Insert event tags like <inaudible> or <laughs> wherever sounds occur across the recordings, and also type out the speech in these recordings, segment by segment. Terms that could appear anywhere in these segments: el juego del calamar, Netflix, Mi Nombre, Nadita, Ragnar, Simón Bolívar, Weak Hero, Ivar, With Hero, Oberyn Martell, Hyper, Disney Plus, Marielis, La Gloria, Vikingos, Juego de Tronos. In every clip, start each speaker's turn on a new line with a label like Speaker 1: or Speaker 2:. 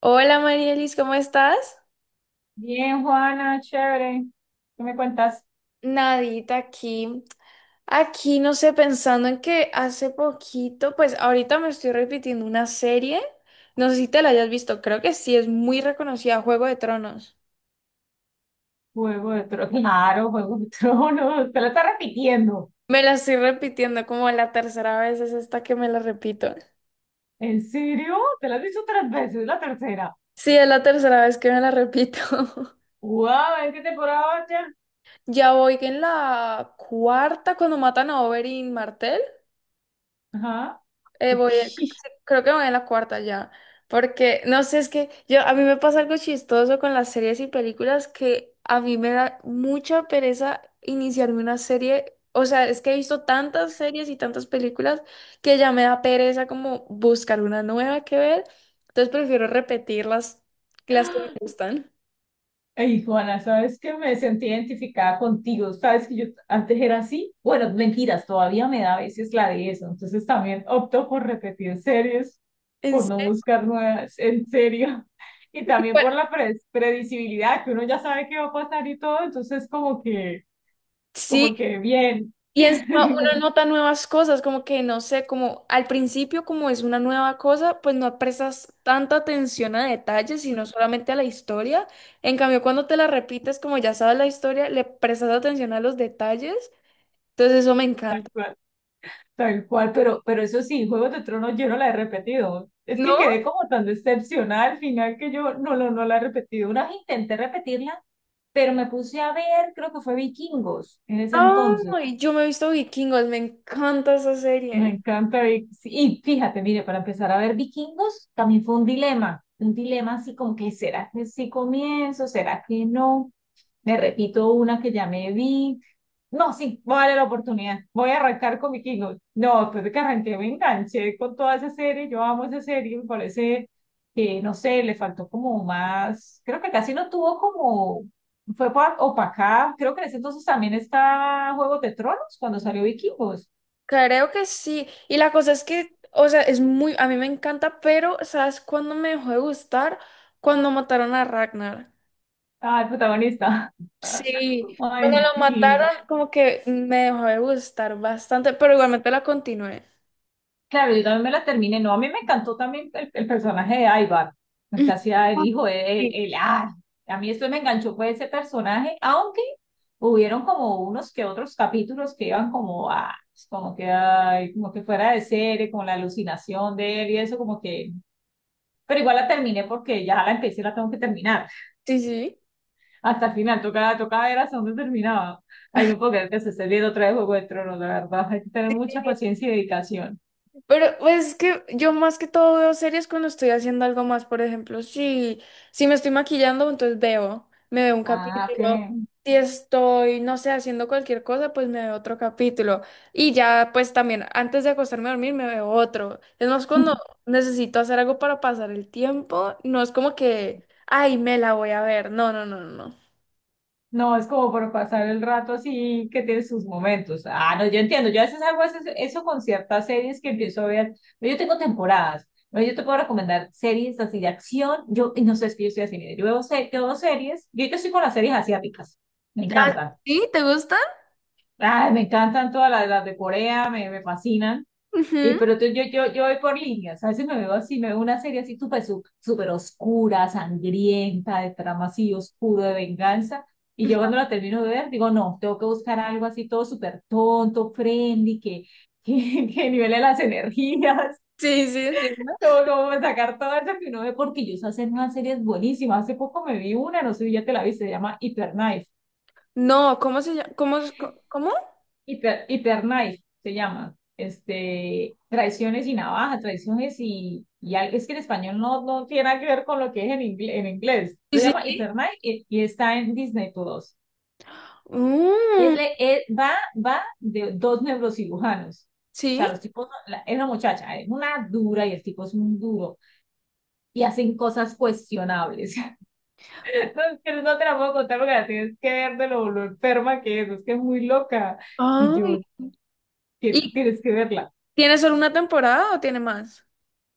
Speaker 1: Hola Marielis, ¿cómo estás?
Speaker 2: Bien, Juana, chévere. ¿Qué me cuentas?
Speaker 1: Nadita aquí, aquí no sé, pensando en que hace poquito, pues ahorita me estoy repitiendo una serie, no sé si te la hayas visto, creo que sí, es muy reconocida, Juego de Tronos.
Speaker 2: Juego de Tronos. Claro, Juego de Tronos. Te la estás repitiendo.
Speaker 1: Me la estoy repitiendo como la tercera vez, es esta que me la repito.
Speaker 2: ¿En serio? Te la has visto 3 veces, la tercera.
Speaker 1: Sí, es la tercera vez que me la repito. <laughs>
Speaker 2: ¡Wow! ¿En qué temporada vas ya?
Speaker 1: Ya voy en la cuarta cuando matan a Oberyn Martell.
Speaker 2: Ajá. Uy.
Speaker 1: Sí, creo que voy en la cuarta ya, porque no sé, es que yo a mí me pasa algo chistoso con las series y películas que a mí me da mucha pereza iniciarme una serie, o sea, es que he visto tantas series y tantas películas que ya me da pereza como buscar una nueva que ver, entonces prefiero repetir las que me gustan.
Speaker 2: Ey, Juana, sabes que me sentí identificada contigo, sabes que yo antes era así, bueno, mentiras, todavía me da a veces la de eso, entonces también opto por repetir series,
Speaker 1: En
Speaker 2: por no
Speaker 1: serio,
Speaker 2: buscar nuevas, en serio, <laughs> y también
Speaker 1: bueno,
Speaker 2: por la predecibilidad, que uno ya sabe qué va a pasar y todo, entonces
Speaker 1: sí,
Speaker 2: como que bien,
Speaker 1: y encima uno
Speaker 2: <laughs>
Speaker 1: nota nuevas cosas, como que no sé, como al principio como es una nueva cosa, pues no prestas tanta atención a detalles, sino solamente a la historia. En cambio, cuando te la repites, como ya sabes la historia, le prestas atención a los detalles. Entonces eso me encanta.
Speaker 2: Tal cual, pero, eso sí, Juegos de Tronos yo no la he repetido. Es
Speaker 1: ¿No?
Speaker 2: que quedé como tan decepcionada al final que yo no, no, la he repetido. Una vez intenté repetirla, pero me puse a ver, creo que fue Vikingos en ese entonces.
Speaker 1: Ay, yo me he visto Vikingos, me encanta esa serie.
Speaker 2: Me
Speaker 1: ¿Eh?
Speaker 2: encanta. Y, sí, y fíjate, mire, para empezar a ver vikingos, también fue un dilema así como que, ¿será que sí comienzo? ¿Será que no? Me repito una que ya me vi. No, sí, voy a darle la oportunidad. Voy a arrancar con vikingos. No, después de que arranqué me enganché con toda esa serie. Yo amo esa serie, me parece que, no sé, le faltó como más, creo que casi no tuvo como, fue opacada. Creo que en ese entonces también está Juego de Tronos cuando salió Vikingos.
Speaker 1: Creo que sí. Y la cosa es que, o sea, es muy, a mí me encanta, pero ¿sabes cuándo me dejó de gustar? Cuando mataron a Ragnar.
Speaker 2: Ah, el protagonista. <laughs>
Speaker 1: Sí, cuando
Speaker 2: Ay,
Speaker 1: lo
Speaker 2: sí.
Speaker 1: mataron como que me dejó de gustar bastante, pero igualmente la continué.
Speaker 2: Claro, yo también me la terminé. No, a mí me encantó también el personaje de Ivar.
Speaker 1: <laughs>
Speaker 2: Es
Speaker 1: Ujú.
Speaker 2: que hacía el
Speaker 1: Ah,
Speaker 2: hijo, el,
Speaker 1: sí.
Speaker 2: el, ay, a mí esto me enganchó fue ese personaje, aunque hubieron como unos que otros capítulos que iban como a, como que, ay, como que fuera de serie, como la alucinación de él y eso, como que, pero igual la terminé porque ya la empecé y la tengo que terminar.
Speaker 1: Sí, sí.
Speaker 2: Hasta el final, tocaba, tocaba, era hasta donde terminaba. Ay, no puedo creer que se esté viendo otra vez Juego de Tronos, la verdad. Hay que tener mucha paciencia y dedicación.
Speaker 1: Pero pues, es que yo más que todo veo series cuando estoy haciendo algo más, por ejemplo, si me estoy maquillando, entonces veo, me veo un
Speaker 2: Ah, ok.
Speaker 1: capítulo. Si estoy, no sé, haciendo cualquier cosa, pues me veo otro capítulo. Y ya, pues también, antes de acostarme a dormir, me veo otro. Es más, cuando necesito hacer algo para pasar el tiempo, no es como que, ay, me la voy a ver. No, no, no, no. No.
Speaker 2: No, es como por pasar el rato así que tiene sus momentos. Ah, no, yo entiendo. Yo a veces hago eso, con ciertas series que empiezo a ver. Yo tengo temporadas. Bueno, yo te puedo recomendar series así de acción. Yo, y no sé, es que yo estoy así, mira, yo veo, yo veo series. Yo ahorita estoy con las series asiáticas. Me
Speaker 1: Ah,
Speaker 2: encantan.
Speaker 1: ¿sí? ¿Te gusta?
Speaker 2: Ay, me encantan todas las de Corea, me fascinan. Y
Speaker 1: Ujú.
Speaker 2: yo voy por líneas, a veces me veo así, me veo una serie así súper oscura, sangrienta, de trama así oscuro, de venganza, y yo cuando la termino de ver, digo, no, tengo que buscar algo así todo súper tonto, friendly, que <laughs> que nivele las energías,
Speaker 1: Sí, sí, entiendo.
Speaker 2: <laughs> como, sacar todo eso que uno ve, porque yo sé hacer unas series buenísimas, hace poco me vi una, no sé si ya te la viste, se llama
Speaker 1: No, ¿cómo se llama? ¿Cómo? ¿Cómo?
Speaker 2: Hiperknife se llama. Este, traiciones y navaja, traiciones y, es que en español no, tiene nada que ver con lo que es en, en inglés.
Speaker 1: Sí,
Speaker 2: Se
Speaker 1: sí,
Speaker 2: llama
Speaker 1: sí.
Speaker 2: Hyper y, está en Disney Plus. Es,
Speaker 1: Mm.
Speaker 2: va de 2 neurocirujanos. O
Speaker 1: ¿Sí?
Speaker 2: sea, los tipos, es una muchacha, es una dura y el tipo es un duro y hacen cosas cuestionables. <laughs> No, pero no te la puedo contar porque la tienes que ver de lo enferma que es que es muy loca. Y
Speaker 1: Ay,
Speaker 2: yo, que
Speaker 1: ¿y
Speaker 2: tienes que verla.
Speaker 1: tiene solo una temporada o tiene más?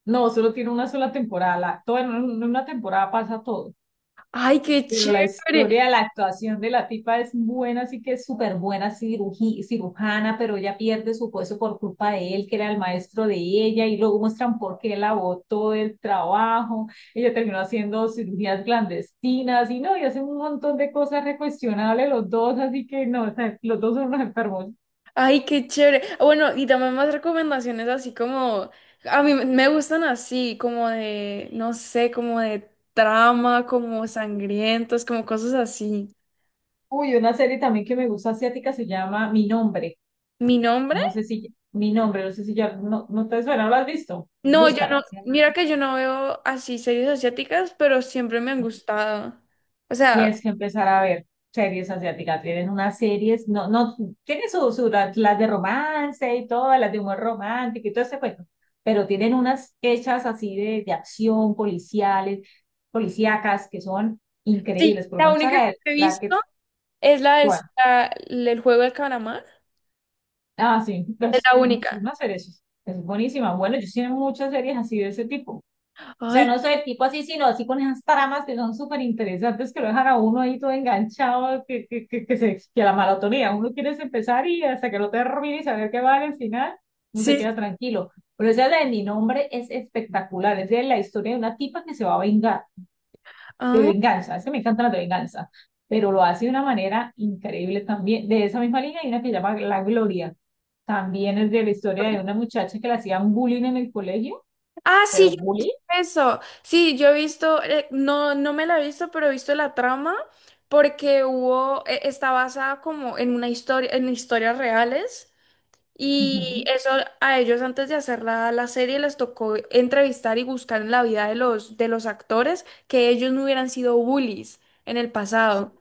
Speaker 2: No, solo tiene una sola temporada. Todo en en una temporada pasa todo.
Speaker 1: Ay, qué
Speaker 2: Pero la
Speaker 1: chévere.
Speaker 2: historia, la actuación de la tipa es buena, así que es súper buena cirujana, pero ella pierde su puesto por culpa de él, que era el maestro de ella, y luego muestran por qué la botó del trabajo. Ella terminó haciendo cirugías clandestinas y no, y hacen un montón de cosas recuestionables los dos, así que no, o sea, los dos son unos enfermos.
Speaker 1: Ay, qué chévere. Bueno, y también más recomendaciones así como, a mí me gustan así, como de, no sé, como de trama, como sangrientos, como cosas así.
Speaker 2: Uy, una serie también que me gusta asiática se llama Mi Nombre.
Speaker 1: ¿Mi nombre?
Speaker 2: No sé si mi nombre, no sé si ya no, te suena, no, ¿lo has visto?
Speaker 1: No, yo no,
Speaker 2: Búscala.
Speaker 1: mira que yo no veo así series asiáticas, pero siempre me han gustado. O sea,
Speaker 2: Tienes que empezar a ver series asiáticas. Tienen unas series, no, tienen sus su, las de romance y todas, las de humor romántico y todo ese cuento, pero tienen unas hechas así de acción, policiales, policíacas, que son
Speaker 1: sí,
Speaker 2: increíbles. Por lo
Speaker 1: la
Speaker 2: menos a
Speaker 1: única que
Speaker 2: la,
Speaker 1: he
Speaker 2: la que,
Speaker 1: visto es la del
Speaker 2: bueno,
Speaker 1: la- el juego del calamar.
Speaker 2: ah, sí,
Speaker 1: Es
Speaker 2: pues,
Speaker 1: la única.
Speaker 2: una serie, es buenísima. Bueno, yo sí veo muchas series así de ese tipo. O sea,
Speaker 1: Ay,
Speaker 2: no soy el tipo así, sino así con esas tramas que son súper interesantes, que lo dejan a uno ahí todo enganchado, que la maratonía, uno quiere empezar y hasta que no termine y saber qué va al final, no se
Speaker 1: sí.
Speaker 2: queda tranquilo. Pero esa de mi nombre es espectacular, es de la historia de una tipa que se va a vengar, de
Speaker 1: Ah,
Speaker 2: venganza, es que me encanta la de venganza, pero lo hace de una manera increíble también. De esa misma línea hay una que se llama La Gloria, también es de la historia de una muchacha que le hacían bullying en el colegio,
Speaker 1: ah,
Speaker 2: pero
Speaker 1: sí, yo
Speaker 2: bullying.
Speaker 1: eso. Sí, yo he visto, no, no me la he visto, pero he visto la trama porque hubo, está basada como en una historia, en historias reales. Y
Speaker 2: Ujú.
Speaker 1: eso a ellos antes de hacer la serie les tocó entrevistar y buscar en la vida de de los actores que ellos no hubieran sido bullies en el pasado.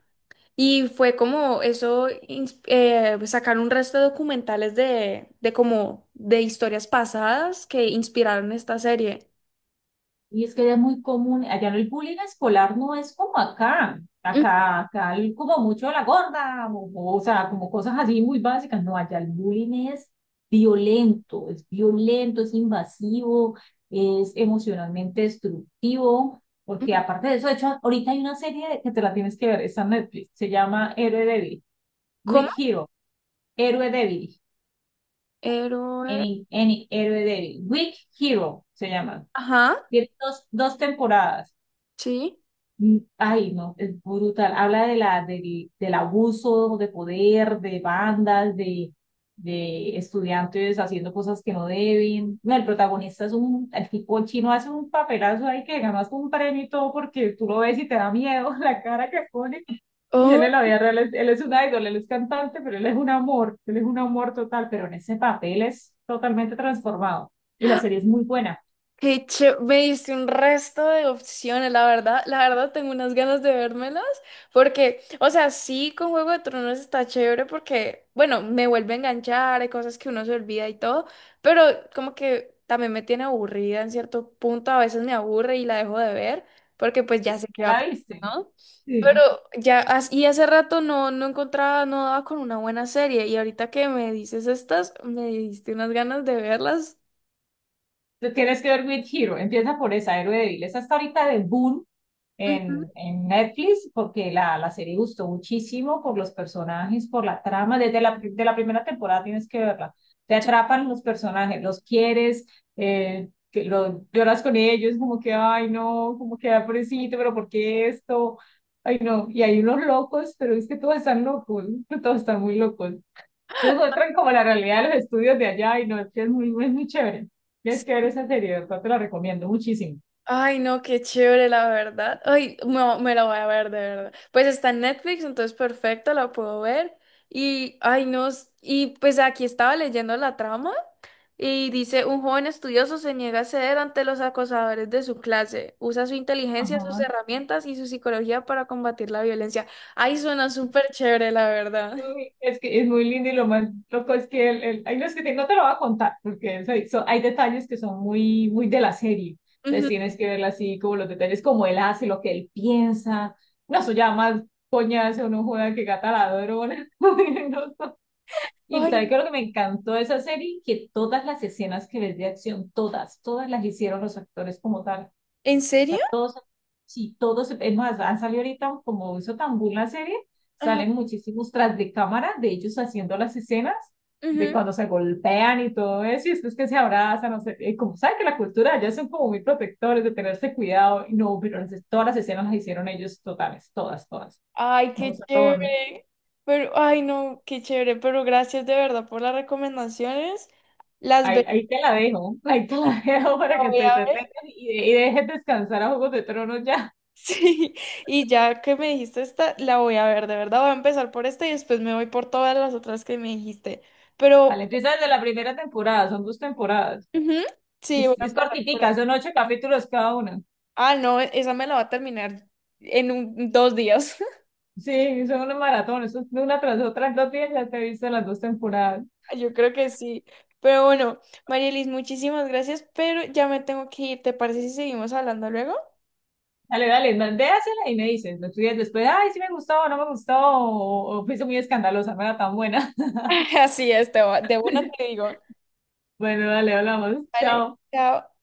Speaker 1: Y fue como eso, sacar un resto de documentales de como de historias pasadas que inspiraron esta serie.
Speaker 2: Y es que era muy común, allá el bullying escolar no es como acá,
Speaker 1: Mm,
Speaker 2: acá como mucho la gorda, o sea, como cosas así muy básicas, no, allá el bullying es violento, es violento, es invasivo, es emocionalmente destructivo, porque aparte de eso, de hecho, ahorita hay una serie que te la tienes que ver, está en Netflix, se llama Héroe Débil,
Speaker 1: ¿cómo?
Speaker 2: Weak Hero, Héroe Débil,
Speaker 1: Héroe.
Speaker 2: Héroe Débil, Weak Hero se llama,
Speaker 1: Ajá,
Speaker 2: tiene dos, temporadas.
Speaker 1: sí.
Speaker 2: Mm, ay, no, es brutal. Habla de del abuso de poder, de bandas, de estudiantes haciendo cosas que no deben. No, el protagonista es un, el tipo chino hace un papelazo ahí que ganas un premio y todo porque tú lo ves y te da miedo <laughs> la cara que pone. Y él en la vida real, es, él es un idol, él es cantante, pero él es un amor, él es un amor total, pero en ese papel es totalmente transformado. Y la serie es muy buena.
Speaker 1: Me diste un resto de opciones, la verdad tengo unas ganas de vérmelas, porque, o sea, sí con Juego de Tronos está chévere porque, bueno, me vuelve a enganchar, hay cosas que uno se olvida y todo, pero como que también me tiene aburrida en cierto punto, a veces me aburre y la dejo de ver, porque pues ya sé qué
Speaker 2: ¿Ya
Speaker 1: va a
Speaker 2: la
Speaker 1: pasar,
Speaker 2: viste?
Speaker 1: ¿no? Pero
Speaker 2: Sí.
Speaker 1: ya, y hace rato no encontraba, no daba con una buena serie, y ahorita que me dices estas, me diste unas ganas de verlas.
Speaker 2: Tú tienes que ver With Hero, empieza por esa, Héroe Débil. Esa está ahorita de boom
Speaker 1: Ujú.
Speaker 2: en Netflix porque la serie gustó muchísimo por los personajes, por la trama. Desde la primera temporada tienes que verla. Te atrapan los personajes, los quieres, lloras con ellos, como que, ay, no, como que, ah, pobrecito, pero ¿por qué esto? Ay, no. Y hay unos locos, pero es que todos están locos, <laughs> todos están muy locos. Entonces muestran como la realidad de los estudios de allá y no, es que es muy, muy, muy chévere. Tienes que ver esa serie, de verdad te la recomiendo muchísimo.
Speaker 1: Ay, no, qué chévere, la verdad. Ay, no, me la voy a ver, de verdad. Pues está en Netflix, entonces perfecto, la puedo ver. Y, ay, no, y pues aquí estaba leyendo la trama y dice, un joven estudioso se niega a ceder ante los acosadores de su clase. Usa su inteligencia, sus
Speaker 2: Ajá.
Speaker 1: herramientas y su psicología para combatir la violencia. Ay, suena súper chévere, la verdad. <laughs>
Speaker 2: Uy, es que es muy lindo y lo más loco es que hay unos no te lo voy a contar porque hay detalles que son muy, muy de la serie. Entonces
Speaker 1: Ujú.
Speaker 2: tienes que verla así, como los detalles, como él hace, lo que él piensa. No, eso ya más coñazo, no juega que gata la ladrona. <laughs> Y
Speaker 1: Ay,
Speaker 2: sabes qué es lo que me encantó de esa serie, que todas las escenas que ves de acción, todas, todas las hicieron los actores como tal. O
Speaker 1: ¿en serio?
Speaker 2: sea, todos, sí, todos, es más, han salido ahorita, como hizo tan boom la serie,
Speaker 1: Ajá.
Speaker 2: salen muchísimos tras de cámara de ellos haciendo las escenas, de cuando se golpean y todo eso, y después que se abrazan, no sé, como sabes que la cultura ya son como muy protectores de tenerse cuidado, y no, pero todas las escenas las hicieron ellos totales, todas, todas.
Speaker 1: Ay,
Speaker 2: No
Speaker 1: qué
Speaker 2: usaron.
Speaker 1: chévere. Pero, ay, no, qué chévere. Pero gracias de verdad por las recomendaciones. Las ve-
Speaker 2: Ahí, ahí te la dejo, ahí te la <laughs> dejo para
Speaker 1: la
Speaker 2: que
Speaker 1: voy
Speaker 2: te,
Speaker 1: a
Speaker 2: te
Speaker 1: ver.
Speaker 2: tengas
Speaker 1: <laughs>
Speaker 2: y, y dejes descansar a Juegos de Tronos ya.
Speaker 1: Sí, y ya que me dijiste esta, la voy a ver, de verdad. Voy a empezar por esta y después me voy por todas las otras que me dijiste.
Speaker 2: Vale,
Speaker 1: Pero,
Speaker 2: empieza desde la primera temporada, son 2 temporadas.
Speaker 1: ujú, sí, voy a
Speaker 2: Es
Speaker 1: empezar por ahí.
Speaker 2: cortitica, son 8 capítulos cada una.
Speaker 1: Ah, no, esa me la va a terminar en dos días.
Speaker 2: Sí, son unos maratones, son de una tras otra en 2 días ya te viste las 2 temporadas.
Speaker 1: <laughs> Yo creo que sí. Pero bueno, Marielis, muchísimas gracias, pero ya me tengo que ir. ¿Te parece si seguimos hablando luego?
Speaker 2: Dale, dale, déjasela y me dices, me estudias después, ay, sí me gustó, o no me gustó, o fuiste muy escandalosa, no era tan buena.
Speaker 1: <laughs> Así es, te de una te
Speaker 2: <laughs>
Speaker 1: digo.
Speaker 2: Bueno, dale, hablamos,
Speaker 1: Vale,
Speaker 2: chao.
Speaker 1: chao.